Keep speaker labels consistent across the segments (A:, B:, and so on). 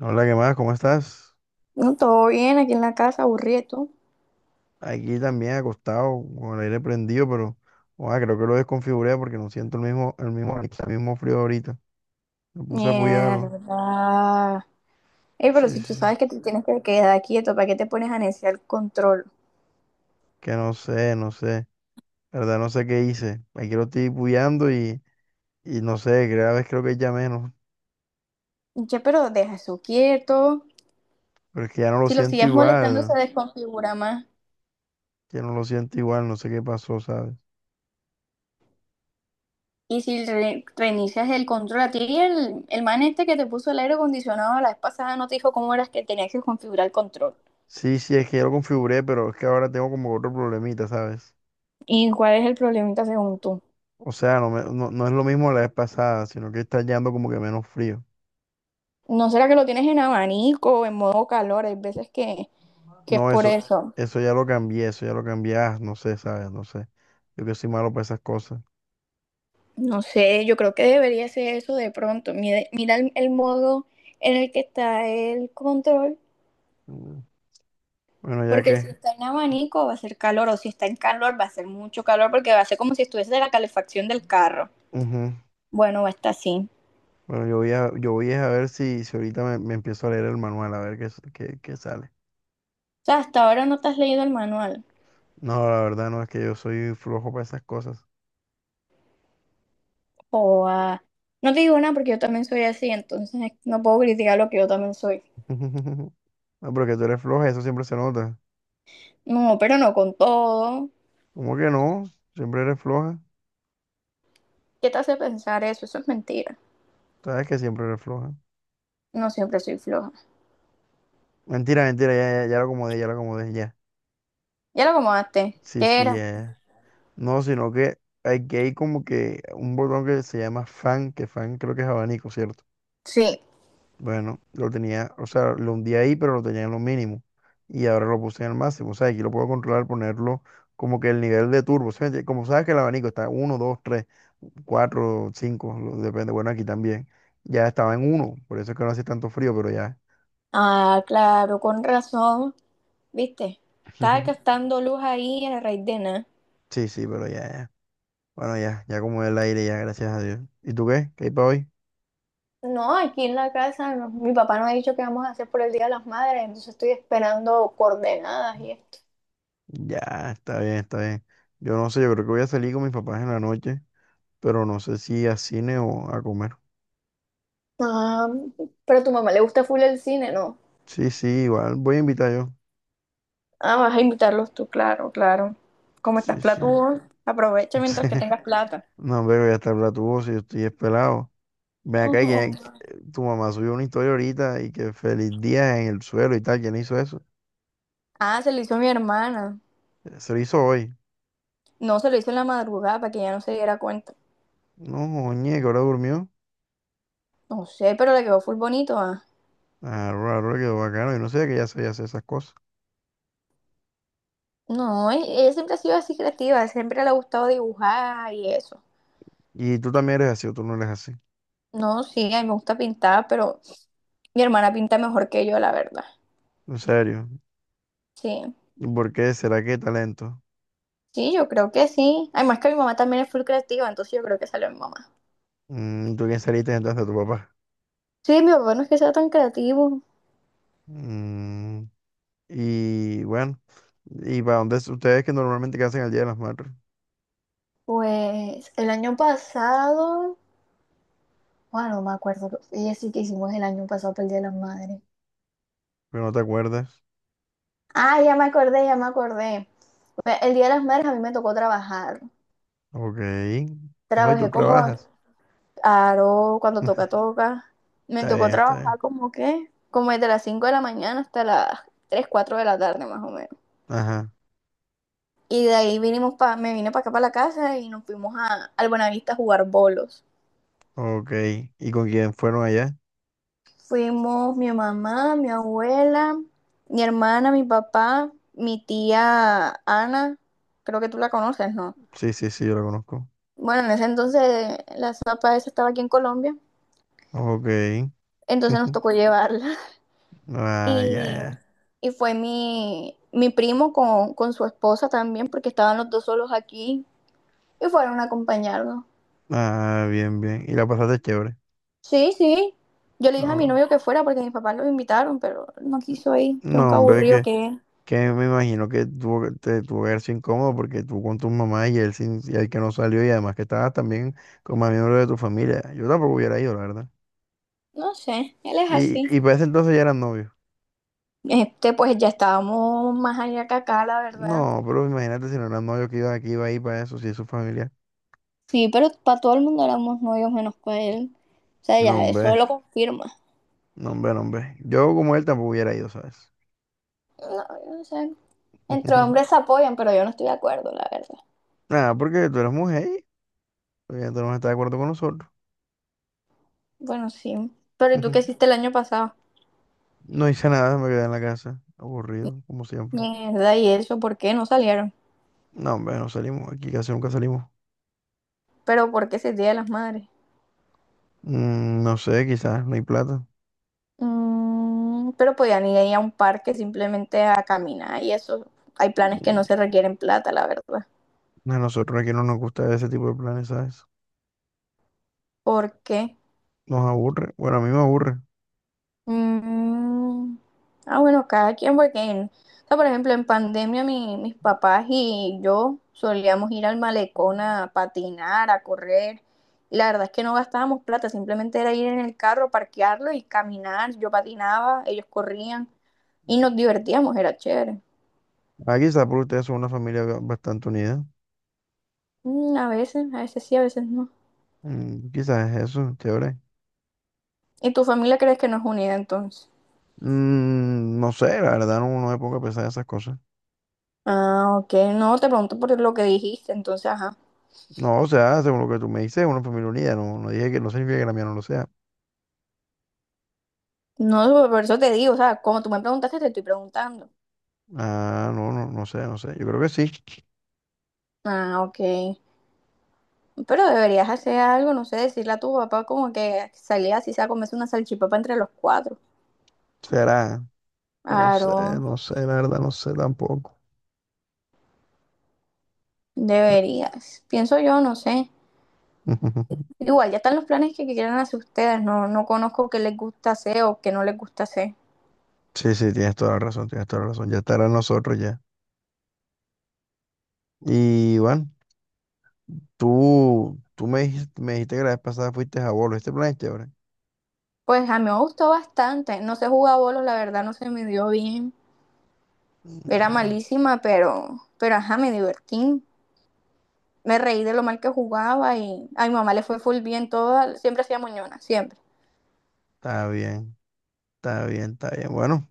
A: Hola, ¿qué más? ¿Cómo estás?
B: No, todo bien, aquí en la casa, aburrido. ¿Tú?
A: Aquí también acostado, con el aire prendido, pero creo que lo desconfiguré porque no siento el mismo frío ahorita. Me puse a apoyarlo.
B: Mierda. Ey, pero
A: Sí,
B: si
A: sí,
B: tú
A: sí.
B: sabes que te tienes que quedar quieto, ¿para qué te pones a neciar el control?
A: Que no sé, no sé. La verdad, no sé qué hice. Aquí lo estoy apoyando y no sé, cada vez creo que ya menos.
B: Ya, pero deja eso quieto.
A: Pero es que ya no lo
B: Si lo
A: siento
B: sigues molestando, se
A: igual.
B: desconfigura más.
A: Ya no lo siento igual, no sé qué pasó, ¿sabes?
B: Y si reinicias el control, a ti el man este que te puso el aire acondicionado la vez pasada, ¿no te dijo cómo eras que tenías que configurar el control?
A: Sí, sí, es que ya lo configuré, pero es que ahora tengo como otro problemita, ¿sabes?
B: ¿Y cuál es el problemita según tú?
A: O sea, no, no, no es lo mismo la vez pasada, sino que está yendo como que menos frío.
B: ¿No será que lo tienes en abanico o en modo calor? Hay veces que es
A: No,
B: por
A: eso,
B: eso.
A: eso ya lo cambié, eso ya lo cambié, ah, no sé, ¿sabes? No sé. Yo que soy malo para esas cosas.
B: No sé, yo creo que debería ser eso de pronto. Mira, mira el modo en el que está el control,
A: Mm. Bueno, ya
B: porque si
A: que,
B: está en abanico va a ser calor, o si está en calor va a ser mucho calor, porque va a ser como si estuviese de la calefacción del carro.
A: ujú.
B: Bueno, va a estar así. O
A: Bueno, yo voy a ver si ahorita me empiezo a leer el manual, a ver qué sale.
B: sea, hasta ahora no te has leído el manual.
A: No, la verdad no, es que yo soy flojo para esas cosas.
B: O ah, no te digo nada porque yo también soy así, entonces no puedo criticar lo que yo también soy.
A: No, pero que tú eres floja, eso siempre se nota.
B: No, pero no con todo.
A: ¿Cómo que no? Siempre eres floja.
B: ¿Qué te hace pensar eso? Eso es mentira.
A: Sabes que siempre eres floja.
B: No siempre soy floja.
A: Mentira, mentira, ya, ya, ya lo acomodé, ya lo acomodé, ya.
B: Ya lo acomodaste.
A: Sí,
B: ¿Qué
A: sí,
B: era?
A: ya. No, sino que aquí hay como que un botón que se llama fan, que fan creo que es abanico, ¿cierto?
B: Sí.
A: Bueno, lo tenía, o sea, lo hundí ahí, pero lo tenía en lo mínimo. Y ahora lo puse en el máximo. O sea, aquí lo puedo controlar, ponerlo como que el nivel de turbo. ¿Sí me entiendes? Como sabes que el abanico está uno, dos, tres, cuatro, cinco, depende. Bueno, aquí también. Ya estaba en uno, por eso es que no hace tanto frío, pero ya.
B: Ah, claro, con razón, ¿viste? Estaba gastando luz ahí en el raíz de nada.
A: Sí, sí, pero ya, ya. Bueno, ya, ya como el aire, ya, gracias a Dios. ¿Y tú qué? ¿Qué hay para hoy?
B: No, aquí en la casa no, mi papá nos ha dicho que vamos a hacer por el Día de las Madres, entonces estoy esperando coordenadas y esto.
A: Ya, está bien, está bien. Yo no sé, yo creo que voy a salir con mis papás en la noche, pero no sé si a cine o a comer.
B: Ah, pero a tu mamá le gusta full el cine, ¿no?
A: Sí, sí, igual voy a invitar yo.
B: Ah, vas a invitarlos tú, claro, claro. Como estás
A: Sí, sí.
B: platudo, aprovecha
A: Sí.
B: mientras que tengas plata.
A: No, pero voy a estar blatuoso, yo estoy espelado. Ven acá, y
B: Ojo.
A: tu mamá subió una historia ahorita y que feliz día en el suelo y tal. ¿Quién hizo eso?
B: Ah, se lo hizo mi hermana.
A: Se lo hizo hoy.
B: No, se lo hizo en la madrugada para que ella no se diera cuenta.
A: No, oye, que ahora durmió.
B: No sé, pero le quedó full bonito, ah.
A: Ah, ahora ahora quedó bacano. Yo no sé que ya sabía hacer esas cosas.
B: No, ella siempre ha sido así creativa, siempre le ha gustado dibujar y eso.
A: ¿Y tú también eres así o tú no eres así?
B: No, sí, a mí me gusta pintar, pero mi hermana pinta mejor que yo, la verdad.
A: ¿En serio?
B: Sí,
A: ¿Y por qué? ¿Será que talento?
B: sí, yo creo que sí. Además que mi mamá también es full creativa, entonces yo creo que salió mi mamá.
A: Mm, ¿tú quién saliste entonces? ¿Tu papá?
B: Sí, mi papá no es que sea tan creativo.
A: Mm, y bueno, ¿y para dónde ustedes que normalmente qué hacen el Día de las Madres?
B: Pues el año pasado, bueno, no me acuerdo, ella sí que hicimos el año pasado para el Día de las Madres.
A: Pero no te acuerdas.
B: Ah, ya me acordé, ya me acordé. Pues, el Día de las Madres a mí me tocó trabajar.
A: Ok. Ah, ¿y tú
B: Trabajé como,
A: trabajas?
B: claro, cuando toca, toca. Me
A: Está
B: tocó
A: bien, está bien.
B: trabajar como que, como desde las 5 de la mañana hasta las 3 4 de la tarde más o menos.
A: Ajá.
B: Y de ahí vinimos pa, me vine para acá para la casa y nos fuimos a, al Buenavista a jugar bolos.
A: Ok. ¿Y con quién fueron allá?
B: Fuimos mi mamá, mi abuela, mi hermana, mi papá, mi tía Ana, creo que tú la conoces, ¿no?
A: Sí, sí, sí, yo la conozco.
B: Bueno, en ese entonces la zapa esa estaba aquí en Colombia,
A: Ok.
B: entonces nos tocó llevarla.
A: Ah, ya,
B: Y,
A: ya.
B: y fue mi primo con su esposa también, porque estaban los dos solos aquí y fueron a acompañarnos.
A: Ah, bien, bien. ¿Y la pasaste chévere?
B: Sí, sí. Yo le dije a mi
A: Ah,
B: novio que fuera porque mis papás lo invitaron, pero no quiso ir.
A: no,
B: Tronco
A: hombre,
B: aburrido
A: que
B: que es.
A: Que me imagino que tuvo, te tuvo que haber sido incómodo porque tú con tu mamá y él, sin, y el que no salió y además que estabas también con más miembros de tu familia. Yo tampoco hubiera ido, la verdad.
B: No sé, él es
A: Y,
B: así.
A: y para ese entonces ya eran novios.
B: Este, pues ya estábamos más allá que acá, la verdad.
A: No, pero imagínate si no eran novios que iba ahí para eso, si es su familia.
B: Sí, pero para todo el mundo éramos novios menos para él. O sea,
A: No,
B: ya eso
A: hombre,
B: lo confirma.
A: no, hombre, no, hombre. Yo como él tampoco hubiera ido, ¿sabes?
B: No, yo no sé. Entre hombres se apoyan, pero yo no estoy de acuerdo, la verdad.
A: Nada, porque tú eres mujer y obviamente no estás de acuerdo con nosotros.
B: Bueno, sí. Pero ¿y tú qué hiciste el año pasado?
A: No hice nada, me quedé en la casa, aburrido, como siempre.
B: Mierda, ¿y eso por qué no salieron?
A: No, hombre, no salimos, aquí casi nunca salimos.
B: Pero ¿por qué ese Día de las Madres?
A: Mm, no sé, quizás no hay plata.
B: Mm, pero podían ir ahí a un parque simplemente a caminar y eso. Hay planes que
A: Mm,
B: no se requieren plata, la verdad.
A: a nosotros aquí no nos gusta ese tipo de planes, ¿sabes?
B: ¿Por qué?
A: Nos aburre. Bueno, a mí me aburre.
B: Mm, ah, bueno, cada quien, porque, o sea, por ejemplo, en pandemia mis papás y yo solíamos ir al malecón a patinar, a correr, y la verdad es que no gastábamos plata, simplemente era ir en el carro, parquearlo y caminar. Yo patinaba, ellos corrían y nos divertíamos, era chévere.
A: Ah, quizás por ustedes son una familia bastante unida.
B: Mm, a veces sí, a veces no.
A: Mm, quizás es eso, chévere.
B: ¿Y tu familia crees que no es unida entonces?
A: Mm, no sé, la verdad no, no me pongo a pensar en esas cosas.
B: Ah, ok, no, te pregunto por lo que dijiste, entonces, ajá.
A: No, o sea, según lo que tú me dices, una familia unida. No, no dije que no significa que la mía no lo sea.
B: No, por eso te digo, o sea, como tú me preguntaste, te estoy preguntando.
A: Ah, no, no, no sé, no sé. Yo creo que sí.
B: Ah, ok. Pero deberías hacer algo, no sé, decirle a tu papá como que salía así sea a comerse una salchipapa entre los cuatro.
A: Será que no sé,
B: Claro,
A: no sé, la verdad no sé tampoco.
B: deberías. Pienso yo, no sé. Igual, ya están los planes que quieran hacer ustedes. No, no conozco qué les gusta hacer o qué no les gusta hacer.
A: Sí, sí, tienes toda la razón, tienes toda la razón. Ya estará en nosotros ya. Y bueno, tú me dijiste que la vez pasada fuiste a Bolo. ¿Este plan es chévere?
B: Pues a mí me gustó bastante. No sé jugar bolos, la verdad no se me dio bien. Era
A: Mm,
B: malísima, pero ajá, me divertí. Me reí de lo mal que jugaba y a mi mamá le fue full bien toda. Siempre hacía moñona, siempre.
A: está bien, está bien, está bien. Bueno,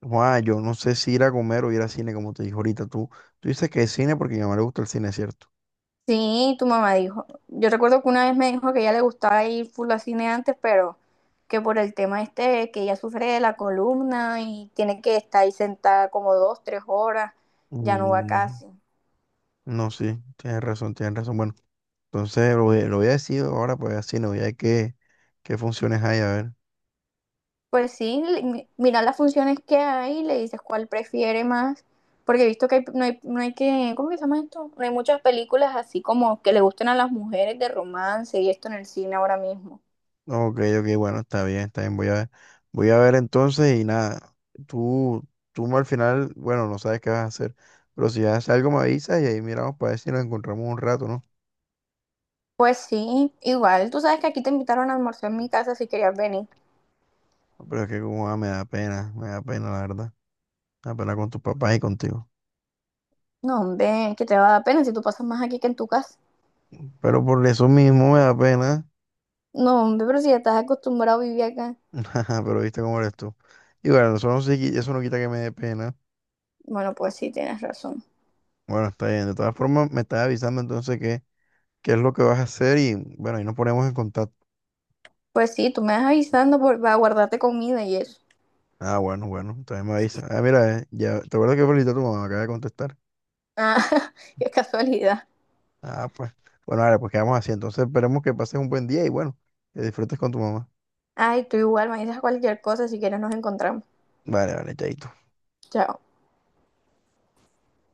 A: Juan, yo no sé si ir a comer o ir al cine, como te dije ahorita. Tú dices que es cine porque a mi mamá le gusta el cine, ¿cierto?
B: Sí, tu mamá dijo. Yo recuerdo que una vez me dijo que a ella le gustaba ir full al cine antes, pero que por el tema este, que ella sufre de la columna y tiene que estar ahí sentada como dos, tres horas, ya no va
A: Mm,
B: casi.
A: no, sí, tienes razón, tienes razón. Bueno, entonces lo, lo voy a decir ahora, pues al cine, voy a ver qué funciones hay, a ver.
B: Pues sí, mira las funciones que hay, le dices cuál prefiere más, porque he visto que no hay, no hay que, ¿cómo que se llama esto? No hay muchas películas así como que le gusten a las mujeres de romance y esto en el cine ahora mismo.
A: Ok, ok, bueno, está bien, está bien. Voy a ver entonces y nada, tú, tú al final, bueno, no sabes qué vas a hacer, pero si haces algo me avisas y ahí miramos para ver si nos encontramos un rato, ¿no?
B: Pues sí, igual, tú sabes que aquí te invitaron a almorzar en mi casa si querías venir.
A: Pero es que como ah, me da pena, la verdad. Me da pena con tus papás y contigo.
B: No, hombre, que te va a dar pena si tú pasas más aquí que en tu casa.
A: Pero por eso mismo me da pena.
B: No, hombre, pero si ya estás acostumbrado a vivir acá.
A: Pero viste cómo eres tú. Y bueno, eso no, se eso no quita que me dé pena.
B: Bueno, pues sí, tienes razón.
A: Bueno, está bien. De todas formas, me estás avisando entonces qué es lo que vas a hacer y bueno, ahí nos ponemos en contacto.
B: Pues sí, tú me vas avisando por, para guardarte comida y eso.
A: Ah, bueno, bueno, también me avisa. Ah, mira, ya, ¿te acuerdas que felicité a tu mamá? Acaba de contestar.
B: Ah, qué casualidad.
A: Ah, pues. Bueno, vale, pues quedamos así. Entonces esperemos que pases un buen día y bueno, que disfrutes con tu mamá.
B: Ay, tú igual me dices cualquier cosa, si quieres nos encontramos.
A: Vale, vale, chaito.
B: Chao.